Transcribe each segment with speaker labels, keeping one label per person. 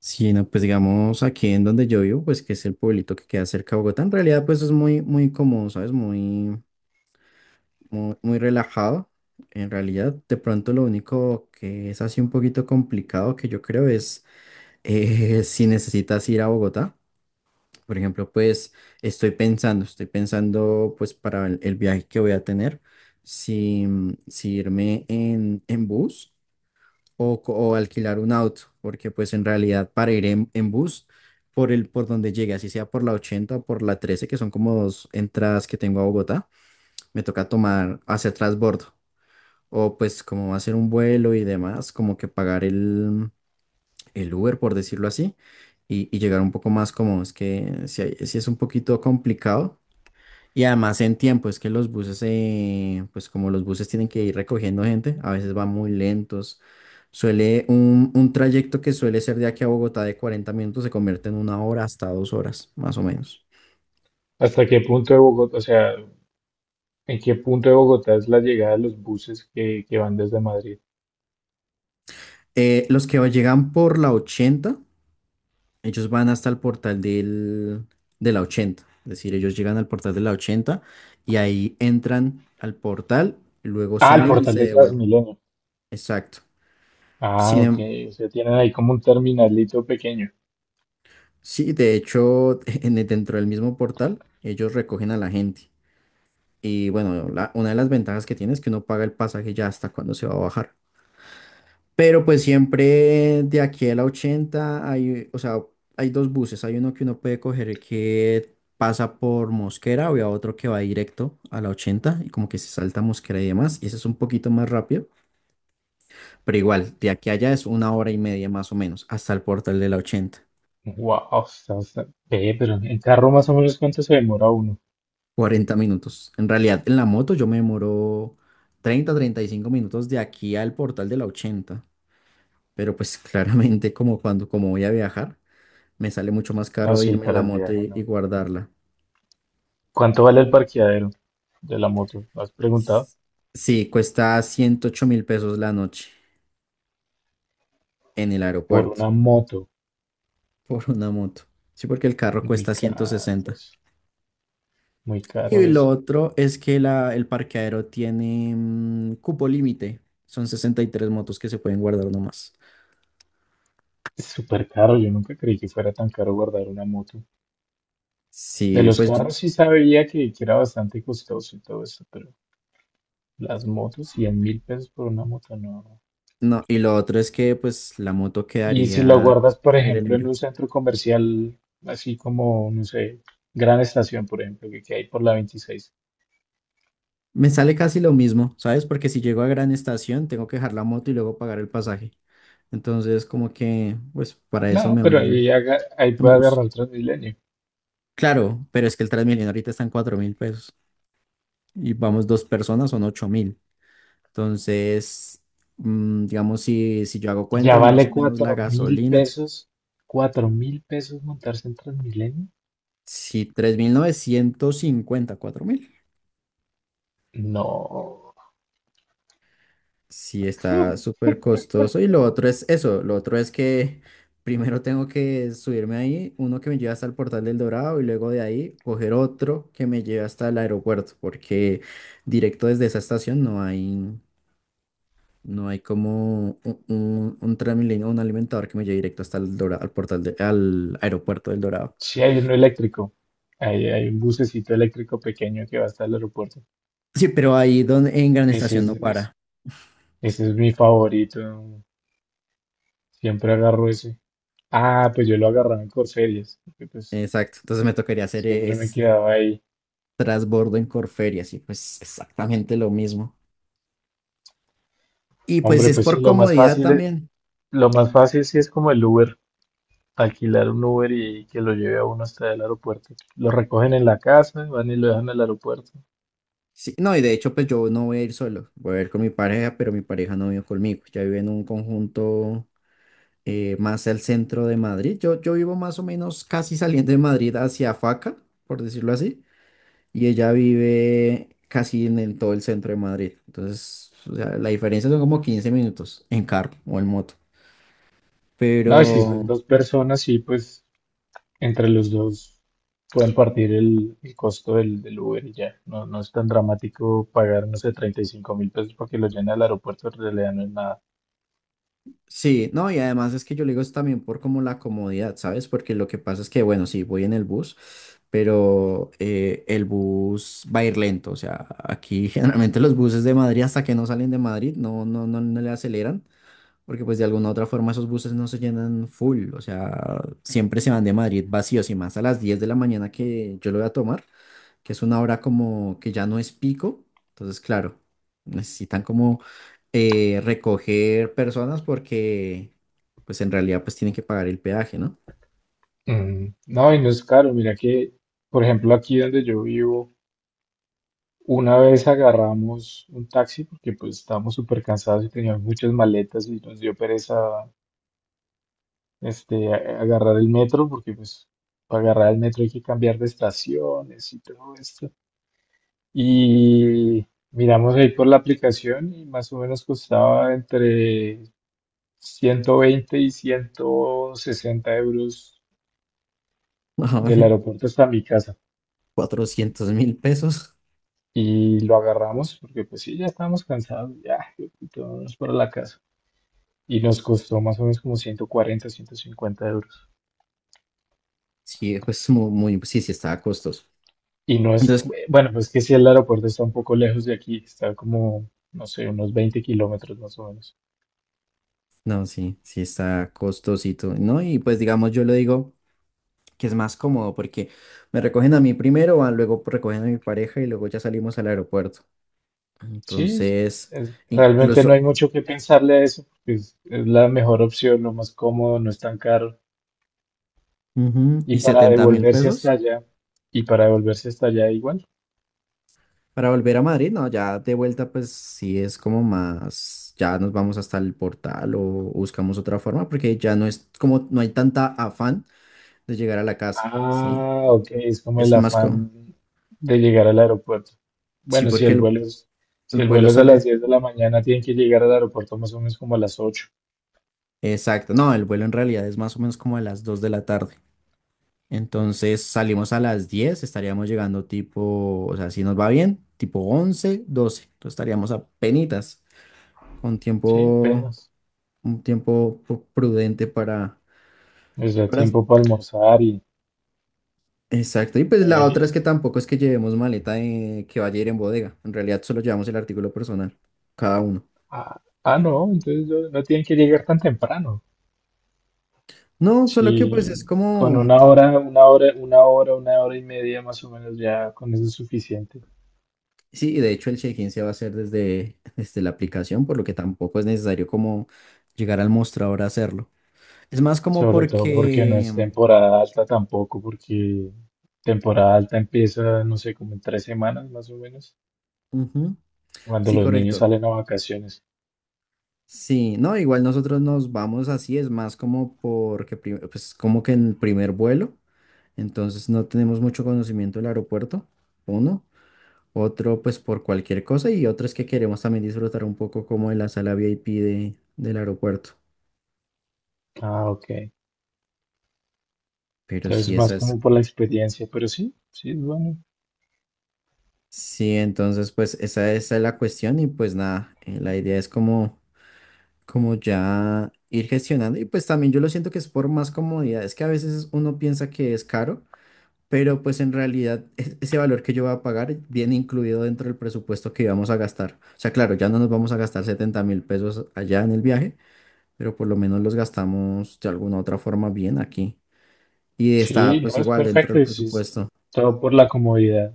Speaker 1: Sí, no, pues digamos aquí en donde yo vivo, pues que es el pueblito que queda cerca de Bogotá, en realidad pues es muy, muy cómodo, ¿sabes? Muy, muy, muy relajado. En realidad, de pronto lo único que es así un poquito complicado que yo creo es si necesitas ir a Bogotá. Por ejemplo, pues estoy pensando pues para el viaje que voy a tener, si, si irme en bus o alquilar un auto, porque pues en realidad para ir en bus por donde llegue, así sea por la 80 o por la 13 que son como dos entradas que tengo a Bogotá, me toca tomar hacia transbordo o pues como hacer un vuelo y demás, como que pagar el Uber, por decirlo así, y llegar un poco más cómodo. Es que si es un poquito complicado y además en tiempo, es que los buses, pues como los buses tienen que ir recogiendo gente, a veces van muy lentos. Un trayecto que suele ser de aquí a Bogotá de 40 minutos se convierte en una hora hasta 2 horas, más o menos.
Speaker 2: ¿Hasta qué punto de Bogotá? O sea, ¿en qué punto de Bogotá es la llegada de los buses que van desde Madrid?
Speaker 1: Los que llegan por la 80, ellos van hasta el portal de la 80. Es decir, ellos llegan al portal de la 80 y ahí entran al portal, luego
Speaker 2: Ah, el
Speaker 1: salen y
Speaker 2: portal
Speaker 1: se
Speaker 2: de
Speaker 1: devuelven.
Speaker 2: Transmilenio.
Speaker 1: Exacto.
Speaker 2: Ah,
Speaker 1: Sin,
Speaker 2: ok,
Speaker 1: em-
Speaker 2: o sea, tienen ahí como un terminalito pequeño.
Speaker 1: Sí, de hecho, dentro del mismo portal, ellos recogen a la gente. Y bueno, una de las ventajas que tiene es que uno paga el pasaje ya hasta cuando se va a bajar. Pero pues siempre de aquí a la 80 hay, o sea, hay dos buses. Hay uno que uno puede coger que pasa por Mosquera o hay otro que va directo a la 80 y como que se salta Mosquera y demás. Y ese es un poquito más rápido. Pero igual, de aquí a allá es una hora y media más o menos hasta el portal de la 80.
Speaker 2: Wow. Ve, pero en carro, ¿más o menos cuánto se demora uno?
Speaker 1: 40 minutos. En realidad, en la moto yo me demoro 35 minutos de aquí al portal de la 80. Pero pues claramente como cuando como voy a viajar, me sale mucho más
Speaker 2: No,
Speaker 1: caro
Speaker 2: sí,
Speaker 1: irme en
Speaker 2: para
Speaker 1: la
Speaker 2: el
Speaker 1: moto
Speaker 2: viaje
Speaker 1: y
Speaker 2: no.
Speaker 1: guardarla.
Speaker 2: ¿Cuánto vale el parqueadero de la moto? ¿Has preguntado?
Speaker 1: Sí, cuesta 108.000 pesos la noche en el
Speaker 2: Por
Speaker 1: aeropuerto.
Speaker 2: una moto.
Speaker 1: Por una moto. Sí, porque el carro
Speaker 2: Muy
Speaker 1: cuesta ciento
Speaker 2: caro,
Speaker 1: sesenta.
Speaker 2: pues, muy caro
Speaker 1: Y lo
Speaker 2: eso.
Speaker 1: otro es que la, el parqueadero tiene cupo límite. Son 63 motos que se pueden guardar nomás.
Speaker 2: Es súper caro, yo nunca creí que fuera tan caro guardar una moto. De
Speaker 1: Sí,
Speaker 2: los
Speaker 1: pues.
Speaker 2: carros sí sabía que era bastante costoso y todo eso, pero las motos, 100.000 pesos por una moto, no.
Speaker 1: No, y lo otro es que pues la moto
Speaker 2: Y si lo
Speaker 1: quedaría
Speaker 2: guardas, por
Speaker 1: al aire
Speaker 2: ejemplo, en
Speaker 1: libre.
Speaker 2: un centro comercial, así como, no sé, Gran Estación, por ejemplo, que hay por la 26.
Speaker 1: Me sale casi lo mismo, ¿sabes? Porque si llego a Gran Estación, tengo que dejar la moto y luego pagar el pasaje. Entonces, como que, pues para eso
Speaker 2: No,
Speaker 1: me
Speaker 2: pero
Speaker 1: voy
Speaker 2: ahí, ahí
Speaker 1: en
Speaker 2: puede
Speaker 1: bus.
Speaker 2: agarrar el Transmilenio.
Speaker 1: Claro, pero es que el Transmilenio ahorita está en 4 mil pesos y vamos dos personas, son 8.000. Entonces, digamos, si yo hago
Speaker 2: Ya
Speaker 1: cuentas, más
Speaker 2: vale
Speaker 1: o menos la
Speaker 2: cuatro mil
Speaker 1: gasolina,
Speaker 2: pesos. ¿Cuatro mil pesos montarse en Transmilenio?
Speaker 1: si 3.950 4.000.
Speaker 2: No.
Speaker 1: Sí, está súper costoso. Y lo otro es eso, lo otro es que primero tengo que subirme ahí, uno que me lleva hasta el Portal del Dorado y luego de ahí coger otro que me lleve hasta el aeropuerto, porque directo desde esa estación no hay, no hay como un Transmilenio, un alimentador que me lleve directo hasta el Dorado, al aeropuerto del Dorado.
Speaker 2: Sí, hay uno eléctrico. Hay un bucecito eléctrico pequeño que va hasta el aeropuerto.
Speaker 1: Sí, pero ahí donde, en Gran
Speaker 2: Ese
Speaker 1: Estación no para.
Speaker 2: es, Ese es mi favorito. Siempre agarro ese. Ah, pues yo lo agarraba en Corferias, porque pues
Speaker 1: Exacto. Entonces me tocaría hacer
Speaker 2: siempre me
Speaker 1: es
Speaker 2: quedaba ahí.
Speaker 1: trasbordo en Corferia, sí, pues exactamente lo mismo. Y pues
Speaker 2: Hombre,
Speaker 1: es
Speaker 2: pues
Speaker 1: por
Speaker 2: sí,
Speaker 1: comodidad también.
Speaker 2: lo más fácil sí es como el Uber, alquilar un Uber y que lo lleve a uno hasta el aeropuerto. Lo recogen en la casa, van y lo dejan al aeropuerto.
Speaker 1: Sí, no, y de hecho, pues yo no voy a ir solo, voy a ir con mi pareja, pero mi pareja no vive conmigo. Ya vive en un conjunto más al centro de Madrid. Yo vivo más o menos casi saliendo de Madrid hacia Faca, por decirlo así, y ella vive casi en todo el centro de Madrid. Entonces, o sea, la diferencia son como 15 minutos en carro o en moto. Vale.
Speaker 2: No, y si son
Speaker 1: Pero,
Speaker 2: dos personas, sí, pues entre los dos pueden partir el costo del Uber y ya. No, no es tan dramático pagar, no sé, 35.000 pesos porque lo lleven al aeropuerto, en realidad no es nada.
Speaker 1: sí, no, y además es que yo le digo es también por como la comodidad, ¿sabes? Porque lo que pasa es que, bueno, sí, voy en el bus, pero el bus va a ir lento, o sea, aquí generalmente los buses de Madrid hasta que no salen de Madrid no, no, no, no le aceleran, porque pues de alguna u otra forma esos buses no se llenan full, o sea, siempre se van de Madrid vacíos y más a las 10 de la mañana que yo lo voy a tomar que es una hora como que ya no es pico. Entonces, claro, necesitan como recoger personas porque, pues en realidad, pues tienen que pagar el peaje, ¿no?
Speaker 2: Mm, no, y no es caro. Mira que, por ejemplo, aquí donde yo vivo, una vez agarramos un taxi porque pues estábamos súper cansados y teníamos muchas maletas y nos dio pereza agarrar el metro, porque pues para agarrar el metro hay que cambiar de estaciones y todo esto. Y miramos ahí por la aplicación, y más o menos costaba entre 120 y 160 euros del aeropuerto hasta mi casa.
Speaker 1: 400.000 pesos.
Speaker 2: Y lo agarramos porque pues sí, ya estábamos cansados, ya, y todos para la casa. Y nos costó más o menos como 140 150 euros.
Speaker 1: Sí, pues muy, sí, sí está costoso.
Speaker 2: Y no es,
Speaker 1: Entonces,
Speaker 2: bueno, pues que si el aeropuerto está un poco lejos de aquí, está como, no sé, unos 20 kilómetros más o menos.
Speaker 1: no, sí, sí está costosito, ¿no? Y pues digamos, yo le digo que es más cómodo porque me recogen a mí primero, ah, luego recogen a mi pareja y luego ya salimos al aeropuerto.
Speaker 2: Sí,
Speaker 1: Entonces,
Speaker 2: realmente no hay
Speaker 1: incluso,
Speaker 2: mucho que pensarle a eso, porque es la mejor opción, lo más cómodo, no es tan caro.
Speaker 1: ujú, y
Speaker 2: Y para
Speaker 1: setenta mil
Speaker 2: devolverse hasta
Speaker 1: pesos
Speaker 2: allá, y para devolverse hasta allá igual.
Speaker 1: para volver a Madrid, no, ya de vuelta pues sí es como más, ya nos vamos hasta el portal o buscamos otra forma porque ya no es como, no hay tanta afán de llegar a la casa, ¿sí?
Speaker 2: Ah, ok, es como el
Speaker 1: Es más como,
Speaker 2: afán de llegar al aeropuerto.
Speaker 1: sí,
Speaker 2: Bueno,
Speaker 1: porque el
Speaker 2: si el
Speaker 1: vuelo
Speaker 2: vuelo es a las
Speaker 1: sale,
Speaker 2: 10 de la mañana, tienen que llegar al aeropuerto más o menos como a las 8.
Speaker 1: exacto, no, el vuelo en realidad es más o menos como a las 2 de la tarde, entonces salimos a las 10 estaríamos llegando tipo, o sea, si nos va bien, tipo 11 12 entonces estaríamos a penitas con
Speaker 2: Sí,
Speaker 1: tiempo
Speaker 2: apenas.
Speaker 1: un tiempo prudente para,
Speaker 2: Les da
Speaker 1: para...
Speaker 2: tiempo para almorzar y...
Speaker 1: Exacto. Y pues la otra
Speaker 2: eh,
Speaker 1: es que tampoco es que llevemos maleta que vaya a ir en bodega. En realidad solo llevamos el artículo personal, cada uno.
Speaker 2: ah, ah, no, entonces no, no tienen que llegar tan temprano.
Speaker 1: No, solo que
Speaker 2: Sí,
Speaker 1: pues es
Speaker 2: con
Speaker 1: como.
Speaker 2: una hora, una hora, una hora, una hora y media más o menos, ya con eso es suficiente.
Speaker 1: Sí, y de hecho el check-in se va a hacer desde la aplicación, por lo que tampoco es necesario como llegar al mostrador a hacerlo. Es más como
Speaker 2: Sobre todo porque no
Speaker 1: porque.
Speaker 2: es temporada alta tampoco, porque temporada alta empieza, no sé, como en 3 semanas más o menos,
Speaker 1: Ujú,
Speaker 2: cuando
Speaker 1: sí,
Speaker 2: los niños
Speaker 1: correcto.
Speaker 2: salen a vacaciones.
Speaker 1: Sí, no, igual nosotros nos vamos así, es más como porque, pues como que en el primer vuelo. Entonces no tenemos mucho conocimiento del aeropuerto, uno. Otro, pues por cualquier cosa. Y otro es que queremos también disfrutar un poco como de la sala VIP del aeropuerto.
Speaker 2: Ah, ok.
Speaker 1: Pero
Speaker 2: Entonces,
Speaker 1: sí,
Speaker 2: más
Speaker 1: esa es.
Speaker 2: como por la experiencia, pero sí, sí, es bueno.
Speaker 1: Sí, entonces pues esa es la cuestión y pues nada, la idea es como, como ya ir gestionando y pues también yo lo siento que es por más comodidad, es que a veces uno piensa que es caro pero pues en realidad ese valor que yo voy a pagar viene incluido dentro del presupuesto que íbamos a gastar. O sea, claro, ya no nos vamos a gastar 70.000 pesos allá en el viaje, pero por lo menos los gastamos de alguna otra forma bien aquí. Y
Speaker 2: Sí,
Speaker 1: está
Speaker 2: no,
Speaker 1: pues
Speaker 2: es
Speaker 1: igual dentro
Speaker 2: perfecto,
Speaker 1: del
Speaker 2: y sí, es
Speaker 1: presupuesto.
Speaker 2: todo por la comodidad.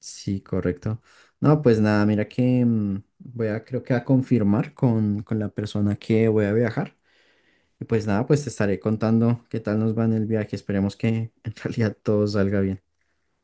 Speaker 1: Sí, correcto. No, pues nada, mira que creo que a confirmar con la persona que voy a viajar. Y pues nada, pues te estaré contando qué tal nos va en el viaje. Esperemos que en realidad todo salga bien.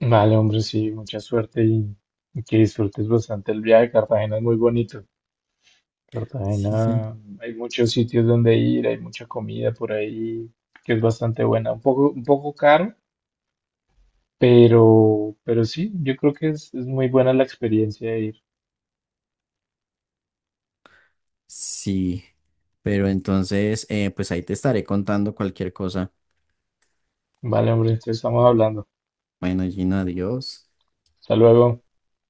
Speaker 2: Vale, hombre, sí, mucha suerte, y que disfrutes bastante el viaje. Cartagena es muy bonito.
Speaker 1: Sí, sí.
Speaker 2: Cartagena, hay muchos sitios donde ir, hay mucha comida por ahí que es bastante buena. Un poco caro. Pero sí, yo creo que es muy buena la experiencia de ir.
Speaker 1: Sí, pero entonces, pues ahí te estaré contando cualquier cosa.
Speaker 2: Vale, hombre, entonces estamos hablando.
Speaker 1: Bueno, Gina, adiós.
Speaker 2: Hasta luego.